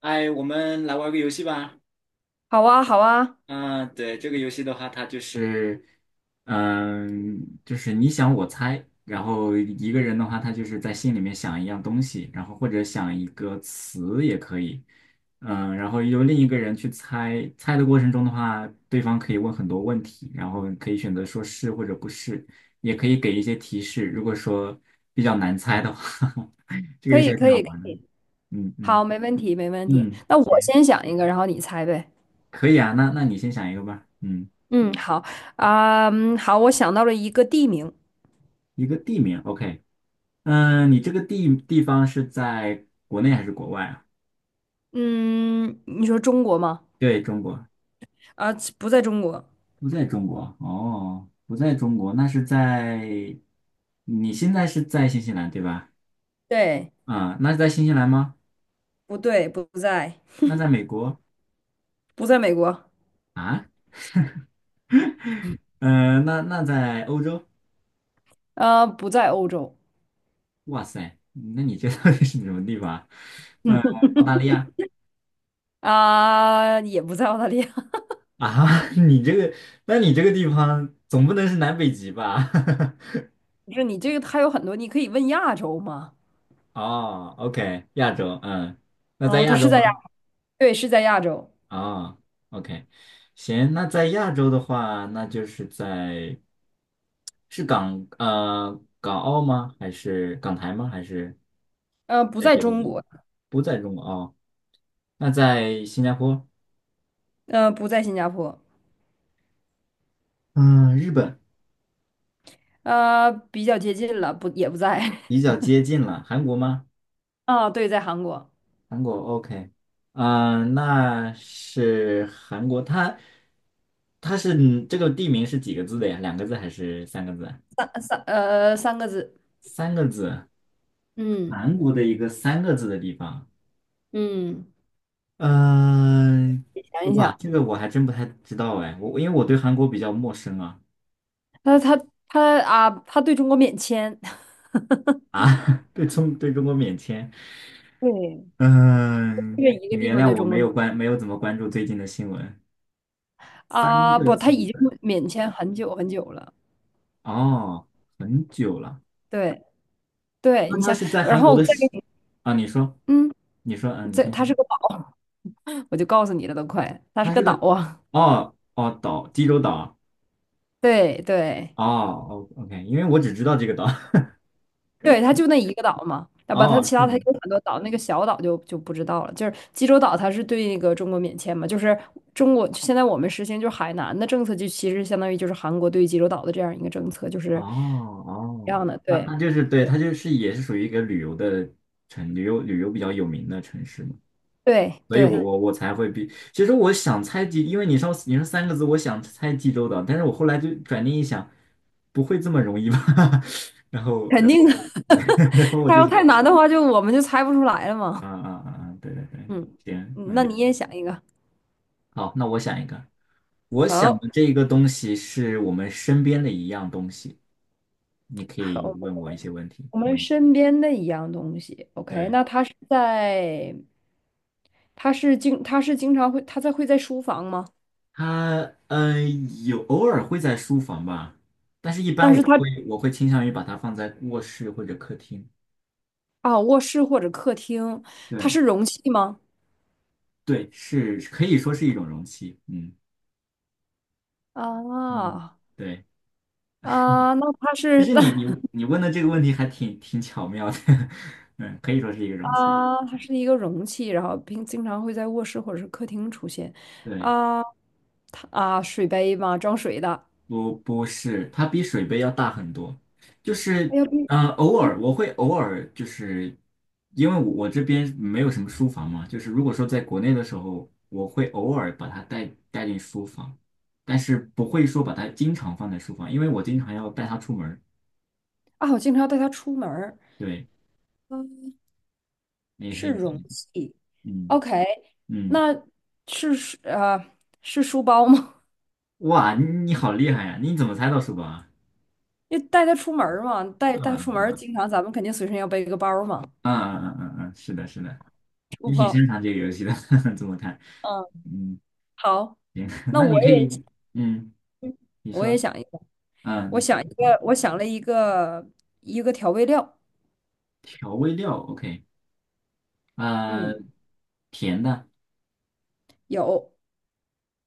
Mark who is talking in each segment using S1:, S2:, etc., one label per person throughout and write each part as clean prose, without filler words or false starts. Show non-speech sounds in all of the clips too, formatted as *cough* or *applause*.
S1: 哎，我们来玩个游戏吧。
S2: 好啊，好啊，
S1: 嗯、对，这个游戏的话，它就是，就是你想我猜，然后一个人的话，他就是在心里面想一样东西，然后或者想一个词也可以，然后由另一个人去猜，猜的过程中的话，对方可以问很多问题，然后可以选择说是或者不是，也可以给一些提示。如果说比较难猜的话，*laughs* 这个
S2: 可
S1: 游戏
S2: 以，
S1: 还挺
S2: 可
S1: 好
S2: 以，可
S1: 玩的。
S2: 以，
S1: 嗯嗯
S2: 好，没问题，没问题。
S1: 嗯，
S2: 那我先想一个，然后你猜呗。
S1: 可以啊，那你先想一个吧。嗯，
S2: 嗯，好啊，嗯好，我想到了一个地名。
S1: 一个地名，OK。嗯，你这个地方是在国内还是国外啊？
S2: 嗯，你说中国吗？
S1: 对，中国，
S2: 啊，不在中国。
S1: 不在中国。哦，不在中国，那是在，你现在是在新西兰对吧？
S2: 对，
S1: 啊，那是在新西兰吗？
S2: 不对，不在，
S1: 那在美国？
S2: 不在美国，
S1: 那在欧洲？
S2: 不在欧洲，
S1: 哇塞，那你这到底是什么地方啊？呃，澳大利亚。
S2: 啊、也不在澳大利亚。*laughs*
S1: 啊？*laughs* 你这个，那你这个地方总不能是南北极吧？*laughs*
S2: 不是你这个，还有很多，你可以问亚洲吗？
S1: 哦，OK，亚洲，嗯，那在
S2: 嗯、它
S1: 亚
S2: 是
S1: 洲
S2: 在亚，
S1: 吗？
S2: 对，是在亚洲，
S1: 哦，OK，行，那在亚洲的话，那就是在是港澳吗？还是港台吗？还是
S2: 嗯，不
S1: 在
S2: 在
S1: 别的
S2: 中
S1: 地
S2: 国，
S1: 不在中国哦？那在新加坡，
S2: 嗯，不在新加坡，
S1: 嗯，日本
S2: 比较接近了，不，也不在。
S1: 比较接近了，韩国吗？
S2: 啊，对，在韩国，
S1: 韩国 OK，那是韩国，它是这个地名是几个字的呀？两个字还是三个字？
S2: 三个字，
S1: 三个字，
S2: 嗯
S1: 韩国的一个三个字的地方。
S2: 嗯，
S1: 嗯、
S2: 你想一
S1: 哇，
S2: 想，
S1: 这个我还真不太知道哎，因为我对韩国比较陌生啊
S2: 他他啊，他对中国免签，
S1: 啊，
S2: *laughs*
S1: *laughs* 对中国免签。
S2: 对，这
S1: 嗯、
S2: 个一
S1: 你
S2: 个地
S1: 原
S2: 方
S1: 谅
S2: 对
S1: 我
S2: 中
S1: 没
S2: 国
S1: 有没有怎么关注最近的新闻。三
S2: 啊，
S1: 个
S2: 不，
S1: 字
S2: 他已经
S1: 的
S2: 免签很久很久了，
S1: 哦，很久了。
S2: 对对，
S1: 那
S2: 你
S1: 他
S2: 想，
S1: 是在
S2: 然
S1: 韩
S2: 后
S1: 国
S2: 我
S1: 的
S2: 再
S1: 是
S2: 给你，
S1: 啊？你说，
S2: 嗯，
S1: 你说，嗯，你
S2: 这
S1: 先
S2: 他是
S1: 说。
S2: 个岛，我就告诉你了，都快，他是
S1: 它是
S2: 个岛
S1: 个
S2: 啊，
S1: 哦哦岛，济州岛。
S2: 对对，
S1: 哦哦，OK，因为我只知道这个岛。
S2: 对，它就那一个岛嘛，
S1: *laughs*
S2: 啊不，它
S1: 哦，
S2: 其
S1: 是
S2: 他它
S1: 吗？
S2: 有很多岛，那个小岛就不知道了。就是济州岛，它是对那个中国免签嘛，就是中国现在我们实行就是海南的政策，就其实相当于就是韩国对济州岛的这样一个政策，就
S1: 哦
S2: 是一
S1: 哦，
S2: 样的。
S1: 那
S2: 对，
S1: 那就是对，
S2: 对，
S1: 它就是也是属于一个旅游的城，旅游比较有名的城市嘛，
S2: 对，
S1: 所以我对
S2: 对，
S1: 我我才会比，其实我想猜济，因为你说三个字，我想猜济州岛，但是我后来就转念一想，不会这么容易吧？*laughs* 然后
S2: 肯
S1: 然
S2: 定
S1: 后
S2: 的。*laughs*
S1: *laughs* 然后我
S2: 它
S1: 就
S2: 要
S1: 想，
S2: 太难的话，我们就猜不出来了
S1: 啊
S2: 嘛。
S1: 啊啊啊，对对对，
S2: 嗯，
S1: 行，
S2: 嗯那
S1: 嗯，
S2: 你也想一个。
S1: 好，那我想一个，我想
S2: 好，
S1: 的这个东西是我们身边的一样东西，你可以
S2: 好，
S1: 问我一些问题，
S2: 我们
S1: 嗯，
S2: 身边的一样东西。OK，
S1: 对。
S2: 那它是在他是经他是经常会他在会在书房吗？
S1: 它有偶尔会在书房吧，但是一般
S2: 但是
S1: 我
S2: 他
S1: 会我会倾向于把它放在卧室或者客厅。
S2: 啊，卧室或者客厅，它
S1: 对
S2: 是容器吗？
S1: 对，是可以说是一种容器。嗯嗯，
S2: 啊
S1: 对，
S2: 啊，那它
S1: 其
S2: 是 *laughs*
S1: 实你你问的这个问题还挺巧妙的，*laughs* 嗯，可以说是一个容器。
S2: 它是一个容器，然后并经常会在卧室或者是客厅出现。
S1: 对。
S2: 啊，它啊，水杯吗？装水的。
S1: 不是，它比水杯要大很多。就
S2: 哎
S1: 是
S2: 呀，不
S1: 呃，偶
S2: 嗯
S1: 尔我会偶尔就是，因为我这边没有什么书房嘛，就是如果说在国内的时候，我会偶尔把它带进书房，但是不会说把它经常放在书房，因为我经常要带它出门儿
S2: 啊，我经常带它出门儿。
S1: 对，
S2: 嗯，
S1: 你也可
S2: 是
S1: 以想
S2: 容
S1: 一想
S2: 器。
S1: 嗯
S2: OK，
S1: 嗯，
S2: 那是呃是书包吗？
S1: 哇，你好厉害呀！你怎么猜到书包啊？
S2: 因为带他出门儿嘛，带
S1: 嗯
S2: 带出门儿
S1: 嗯
S2: 经常咱们肯定随身要背个包儿嘛，
S1: 嗯嗯嗯嗯，是的，是的，
S2: 书
S1: 你挺
S2: 包。
S1: 擅长这个游戏的，*laughs* 这么看，
S2: 嗯，
S1: 嗯。
S2: 好，
S1: 行，*laughs*
S2: 那
S1: 那你
S2: 我
S1: 可
S2: 也
S1: 以，嗯，你
S2: 我也
S1: 说，
S2: 想一个，
S1: 啊、
S2: 我
S1: 你
S2: 想一个，我想了一个一个调味料，
S1: 调味料，OK，呃，
S2: 嗯，
S1: 甜的
S2: 有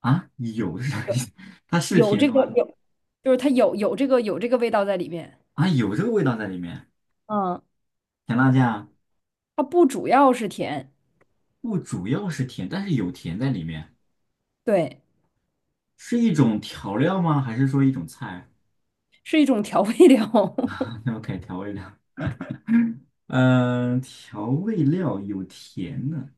S1: 啊，有是啥意思？*laughs* 它是
S2: 有有
S1: 甜
S2: 这
S1: 的
S2: 个
S1: 吗？
S2: 有，就是它有这个味道在里面，
S1: 啊，有这个味道在里面，
S2: 嗯，
S1: 甜辣酱
S2: 它不主要是甜，
S1: 不主要是甜，但是有甜在里面，
S2: 对，
S1: 是一种调料吗？还是说一种菜
S2: 是一种调味料，
S1: *laughs*
S2: *laughs*
S1: 啊？OK，调味料，嗯、调味料有甜的，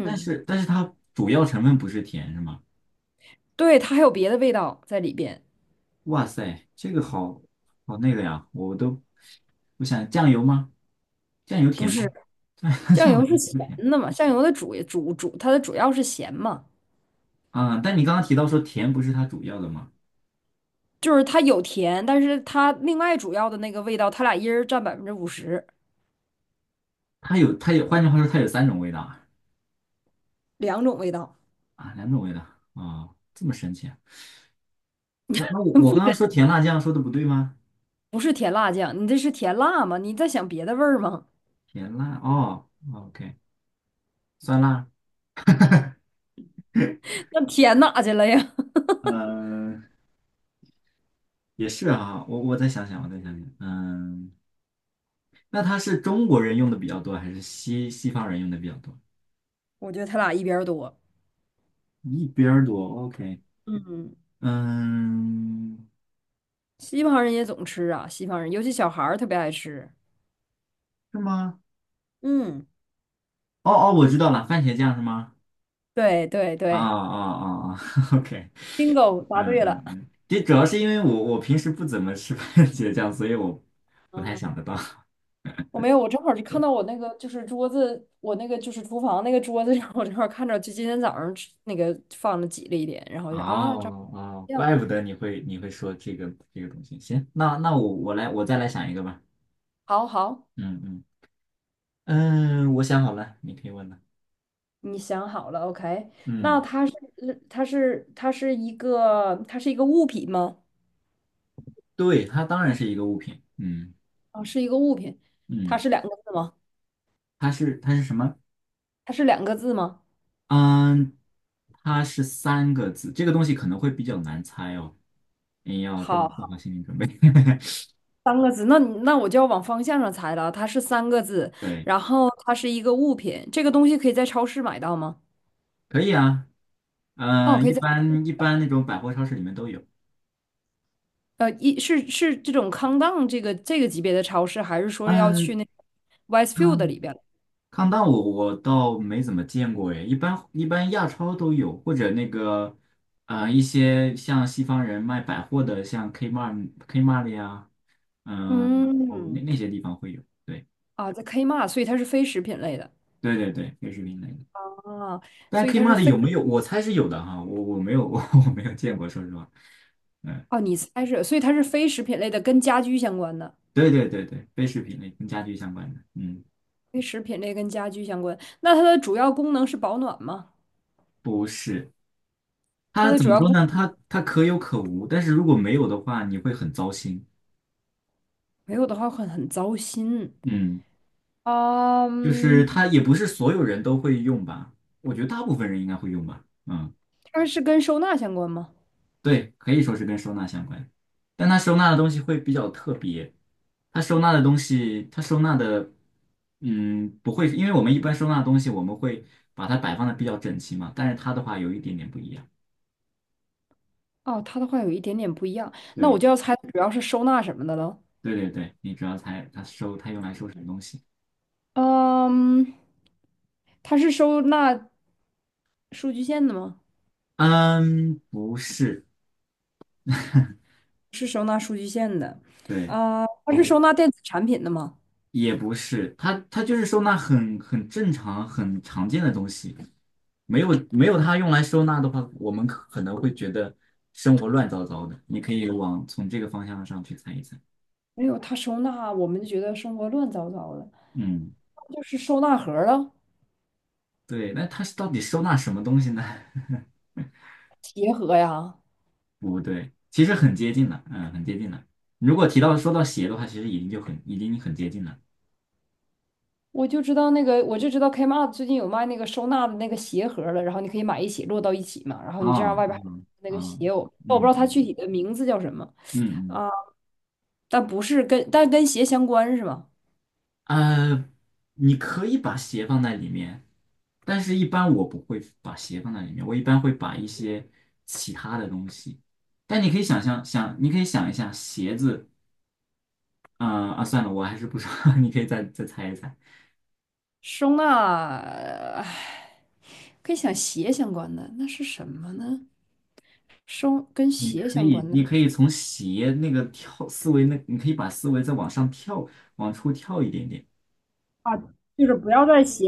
S1: 但是它主要成分不是甜，是吗？
S2: 对，它还有别的味道在里边，
S1: 哇塞，这个好好那个呀，我都我想酱油吗？酱油
S2: 不
S1: 甜吗？
S2: 是，
S1: 酱 *laughs*
S2: 酱
S1: 酱
S2: 油是
S1: 油
S2: 咸
S1: 不甜
S2: 的嘛，酱油的主主主它的主要是咸嘛。
S1: 啊，但你刚刚提到说甜不是它主要的吗？
S2: 就是它有甜，但是它另外主要的那个味道，它俩一人占50%，
S1: 它有，换句话说它有三种味道啊，
S2: 两种味道，
S1: 啊两种味道啊，这么神奇啊？那那
S2: *laughs*
S1: 我
S2: 不
S1: 我刚刚
S2: 神
S1: 说
S2: 奇
S1: 甜辣酱说的不对吗？
S2: 不是甜辣酱，你这是甜辣吗？你在想别的味儿吗？
S1: 甜辣哦哦，OK，酸辣，
S2: *laughs* 那甜哪去了呀？
S1: 嗯，也是啊，我再想想，我再想想，嗯，那它是中国人用的比较多，还是西方人用的比较多？
S2: *laughs* 我觉得它俩一边儿多。
S1: 一边儿多，OK，
S2: 嗯，
S1: 嗯，
S2: 西方人也总吃啊，西方人尤其小孩儿特别爱吃。
S1: 是吗？
S2: 嗯，
S1: 哦哦，我知道了，番茄酱是吗？
S2: 对对
S1: 啊
S2: 对
S1: 啊啊啊 *laughs*，OK，
S2: ，bingo，答
S1: 嗯
S2: 对了。
S1: 嗯嗯，这主要是因为我平时不怎么吃番茄酱，所以我不太
S2: 嗯，
S1: 想得到。
S2: 我没有，我正好就看
S1: 对，
S2: 到我那个就是桌子，我那个就是厨房那个桌子上，我正好看着，就今天早上吃那个放了挤了一点，然后就说啊，炸
S1: 哦哦，
S2: 酱。
S1: 怪不得你会说这个这个东西。行，那那我再来想一个吧。
S2: 好好，
S1: 嗯嗯嗯，我想好了，你可以问了。
S2: 你想好了，OK？那
S1: 嗯，
S2: 它是嗯它是它是一个物品吗？
S1: 对，它当然是一个物品。嗯
S2: 啊，是一个物品。它
S1: 嗯，
S2: 是两个字吗？
S1: 它是什么？
S2: 它是两个字吗？
S1: 嗯，它是三个字，这个东西可能会比较难猜哦，你要做
S2: 好，
S1: 好心理准备。*laughs*
S2: 三个字。那你那我就要往方向上猜了。它是三个字，
S1: 对，
S2: 然后它是一个物品。这个东西可以在超市买到吗？
S1: 可以啊，
S2: 哦，
S1: 嗯，
S2: 可以
S1: 一
S2: 在
S1: 般一般那种百货超市里面都有。
S2: 呃一是是这种康当这个这个级别的超市，还是说要
S1: 呃，
S2: 去那个 Westfield
S1: 抗
S2: 里边？
S1: 抗弹我倒没怎么见过诶，一般一般亚超都有，或者那个呃一些像西方人卖百货的，像 Kmart 呀，哦那
S2: 嗯，
S1: 那些地方会有，对
S2: 啊，在 Kmart，所以它是非食品类的。
S1: 对对对，奢侈品类的。
S2: 啊，
S1: 但
S2: 所以它是
S1: Kmart
S2: 非
S1: 有没有？我猜是有的哈，我 *laughs* 我没有见过，说实话。嗯，
S2: 哦，你猜是，所以它是非食品类的，跟家居相关的，
S1: 对对对对，非食品类跟家居相关的，嗯，
S2: 非食品类跟家居相关。那它的主要功能是保暖吗？
S1: 不是。
S2: 它
S1: 它
S2: 的
S1: 怎
S2: 主
S1: 么
S2: 要
S1: 说
S2: 功
S1: 呢？它可有可无，但是如果没有的话，你会很糟心。
S2: 没有的话很糟心。
S1: 嗯，就是
S2: 嗯，
S1: 它也不是所有人都会用吧？我觉得大部分人应该会用吧。嗯。
S2: 它是跟收纳相关吗？
S1: 对，可以说是跟收纳相关，但它收纳的东西会比较特别。它收纳的东西，它收纳的，嗯，不会，因为我们一般收纳的东西，我们会把它摆放的比较整齐嘛，但是它的话有一点点不一样。
S2: 哦，它的话有一点点不一样，那我
S1: 对，
S2: 就要猜主要是收纳什么的了。
S1: 对对对，你主要猜它收，它用来收什么东西？
S2: 嗯，它是收纳数据线的吗？
S1: 嗯，不是，*laughs* 对。
S2: 啊，它是收纳电子产品的吗？
S1: 也不是，它它就是收纳很正常、很常见的东西，没有它用来收纳的话，我们可能会觉得生活乱糟糟的。你可以往从这个方向上去猜一猜。
S2: 没有，它收纳我们就觉得生活乱糟糟的。
S1: 嗯，
S2: 就是收纳盒儿啊，
S1: 对，那它是到底收纳什么东西呢？*laughs*
S2: 鞋盒呀。
S1: 不对，其实很接近了，嗯，很接近了。如果提到说到鞋的话，其实已经就很已经很接近了。
S2: 我就知道那个，我就知道 Kmart 最近有卖那个收纳的那个鞋盒儿了，然后你可以买一起摞到一起嘛，然后你这样
S1: 哦，
S2: 外边还有
S1: 嗯
S2: 那个
S1: 哦
S2: 鞋，我
S1: 嗯
S2: 不知
S1: 嗯
S2: 道它
S1: 嗯
S2: 具体的名字叫什么
S1: 嗯。嗯
S2: 啊，但不是跟但跟鞋相关是吗？
S1: 呃，你可以把鞋放在里面，但是一般我不会把鞋放在里面，我一般会把一些其他的东西。但你可以想象，想你可以想一下鞋子，呃啊，算了，我还是不说，*laughs* 你可以再猜一猜。
S2: 收纳，唉跟想鞋相关的那是什么呢？收跟
S1: 你
S2: 鞋
S1: 可
S2: 相关
S1: 以，
S2: 的
S1: 你可以
S2: 是
S1: 从鞋那个跳思维那，你可以把思维再往上跳，往出跳一点点。
S2: 啊，就是不要在鞋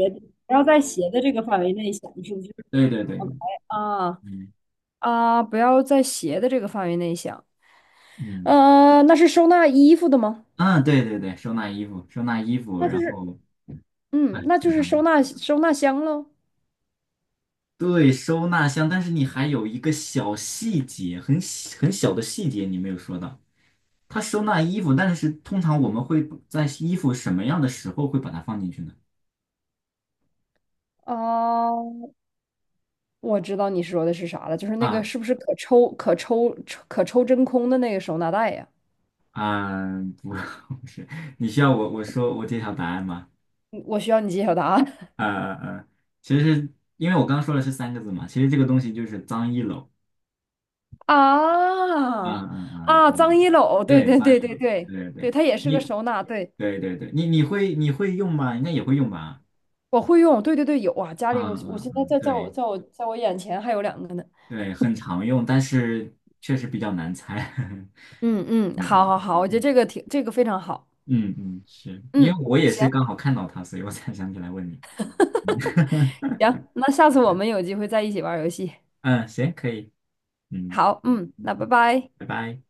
S2: 不要在鞋的这个范围内想，是不是
S1: 对对对，
S2: ？OK 啊。
S1: 嗯
S2: 啊，不要在鞋的这个范围内想。
S1: 嗯
S2: 呃，那是收纳衣服的吗？
S1: 嗯，对对对，收纳衣服，收纳衣服，
S2: 那就
S1: 然
S2: 是，
S1: 后哎，
S2: 嗯，那就
S1: 很
S2: 是收
S1: 长。
S2: 纳收纳箱喽。
S1: 对，收纳箱，但是你还有一个小细节，很小很小的细节你没有说到，它收纳衣服，但是通常我们会在衣服什么样的时候会把它放进去呢？
S2: 啊，我知道你说的是啥了，就是那个
S1: 啊
S2: 是不是可抽真空的那个收纳袋呀？
S1: 啊，不，*laughs* 不是，你需要我揭晓答案吗？
S2: 嗯我需要你揭晓答案。*laughs*
S1: 呃呃呃，其实因为我刚刚说的是三个字嘛，其实这个东西就是脏衣篓。
S2: 啊
S1: 嗯嗯嗯，对
S2: 脏衣篓，对
S1: 对，
S2: 对
S1: 脏
S2: 对
S1: 衣
S2: 对
S1: 篓，
S2: 对
S1: 对对
S2: 对，它也是个
S1: 你
S2: 收纳，对，
S1: 对对对，你会用吗？应该也会用吧？
S2: 我会用，对对对，有啊，家
S1: 嗯
S2: 里我
S1: 嗯
S2: 现在
S1: 嗯，
S2: 在在我
S1: 对。
S2: 在我在我眼前还有两个呢。
S1: 对，很常用，但是确实比较难猜。*laughs*
S2: 嗯嗯，好
S1: 嗯
S2: 好
S1: 嗯
S2: 好，我觉得
S1: 嗯
S2: 这个挺这个非常好。
S1: 嗯嗯，是因
S2: 嗯，
S1: 为我也是
S2: 行
S1: 刚好看到它，所以我才想起来问你。*laughs*
S2: 行，那下次我们有机会再一起玩儿游戏。
S1: 嗯，行，可以。嗯，
S2: 好，嗯，那
S1: 嗯
S2: 拜拜。
S1: 拜拜。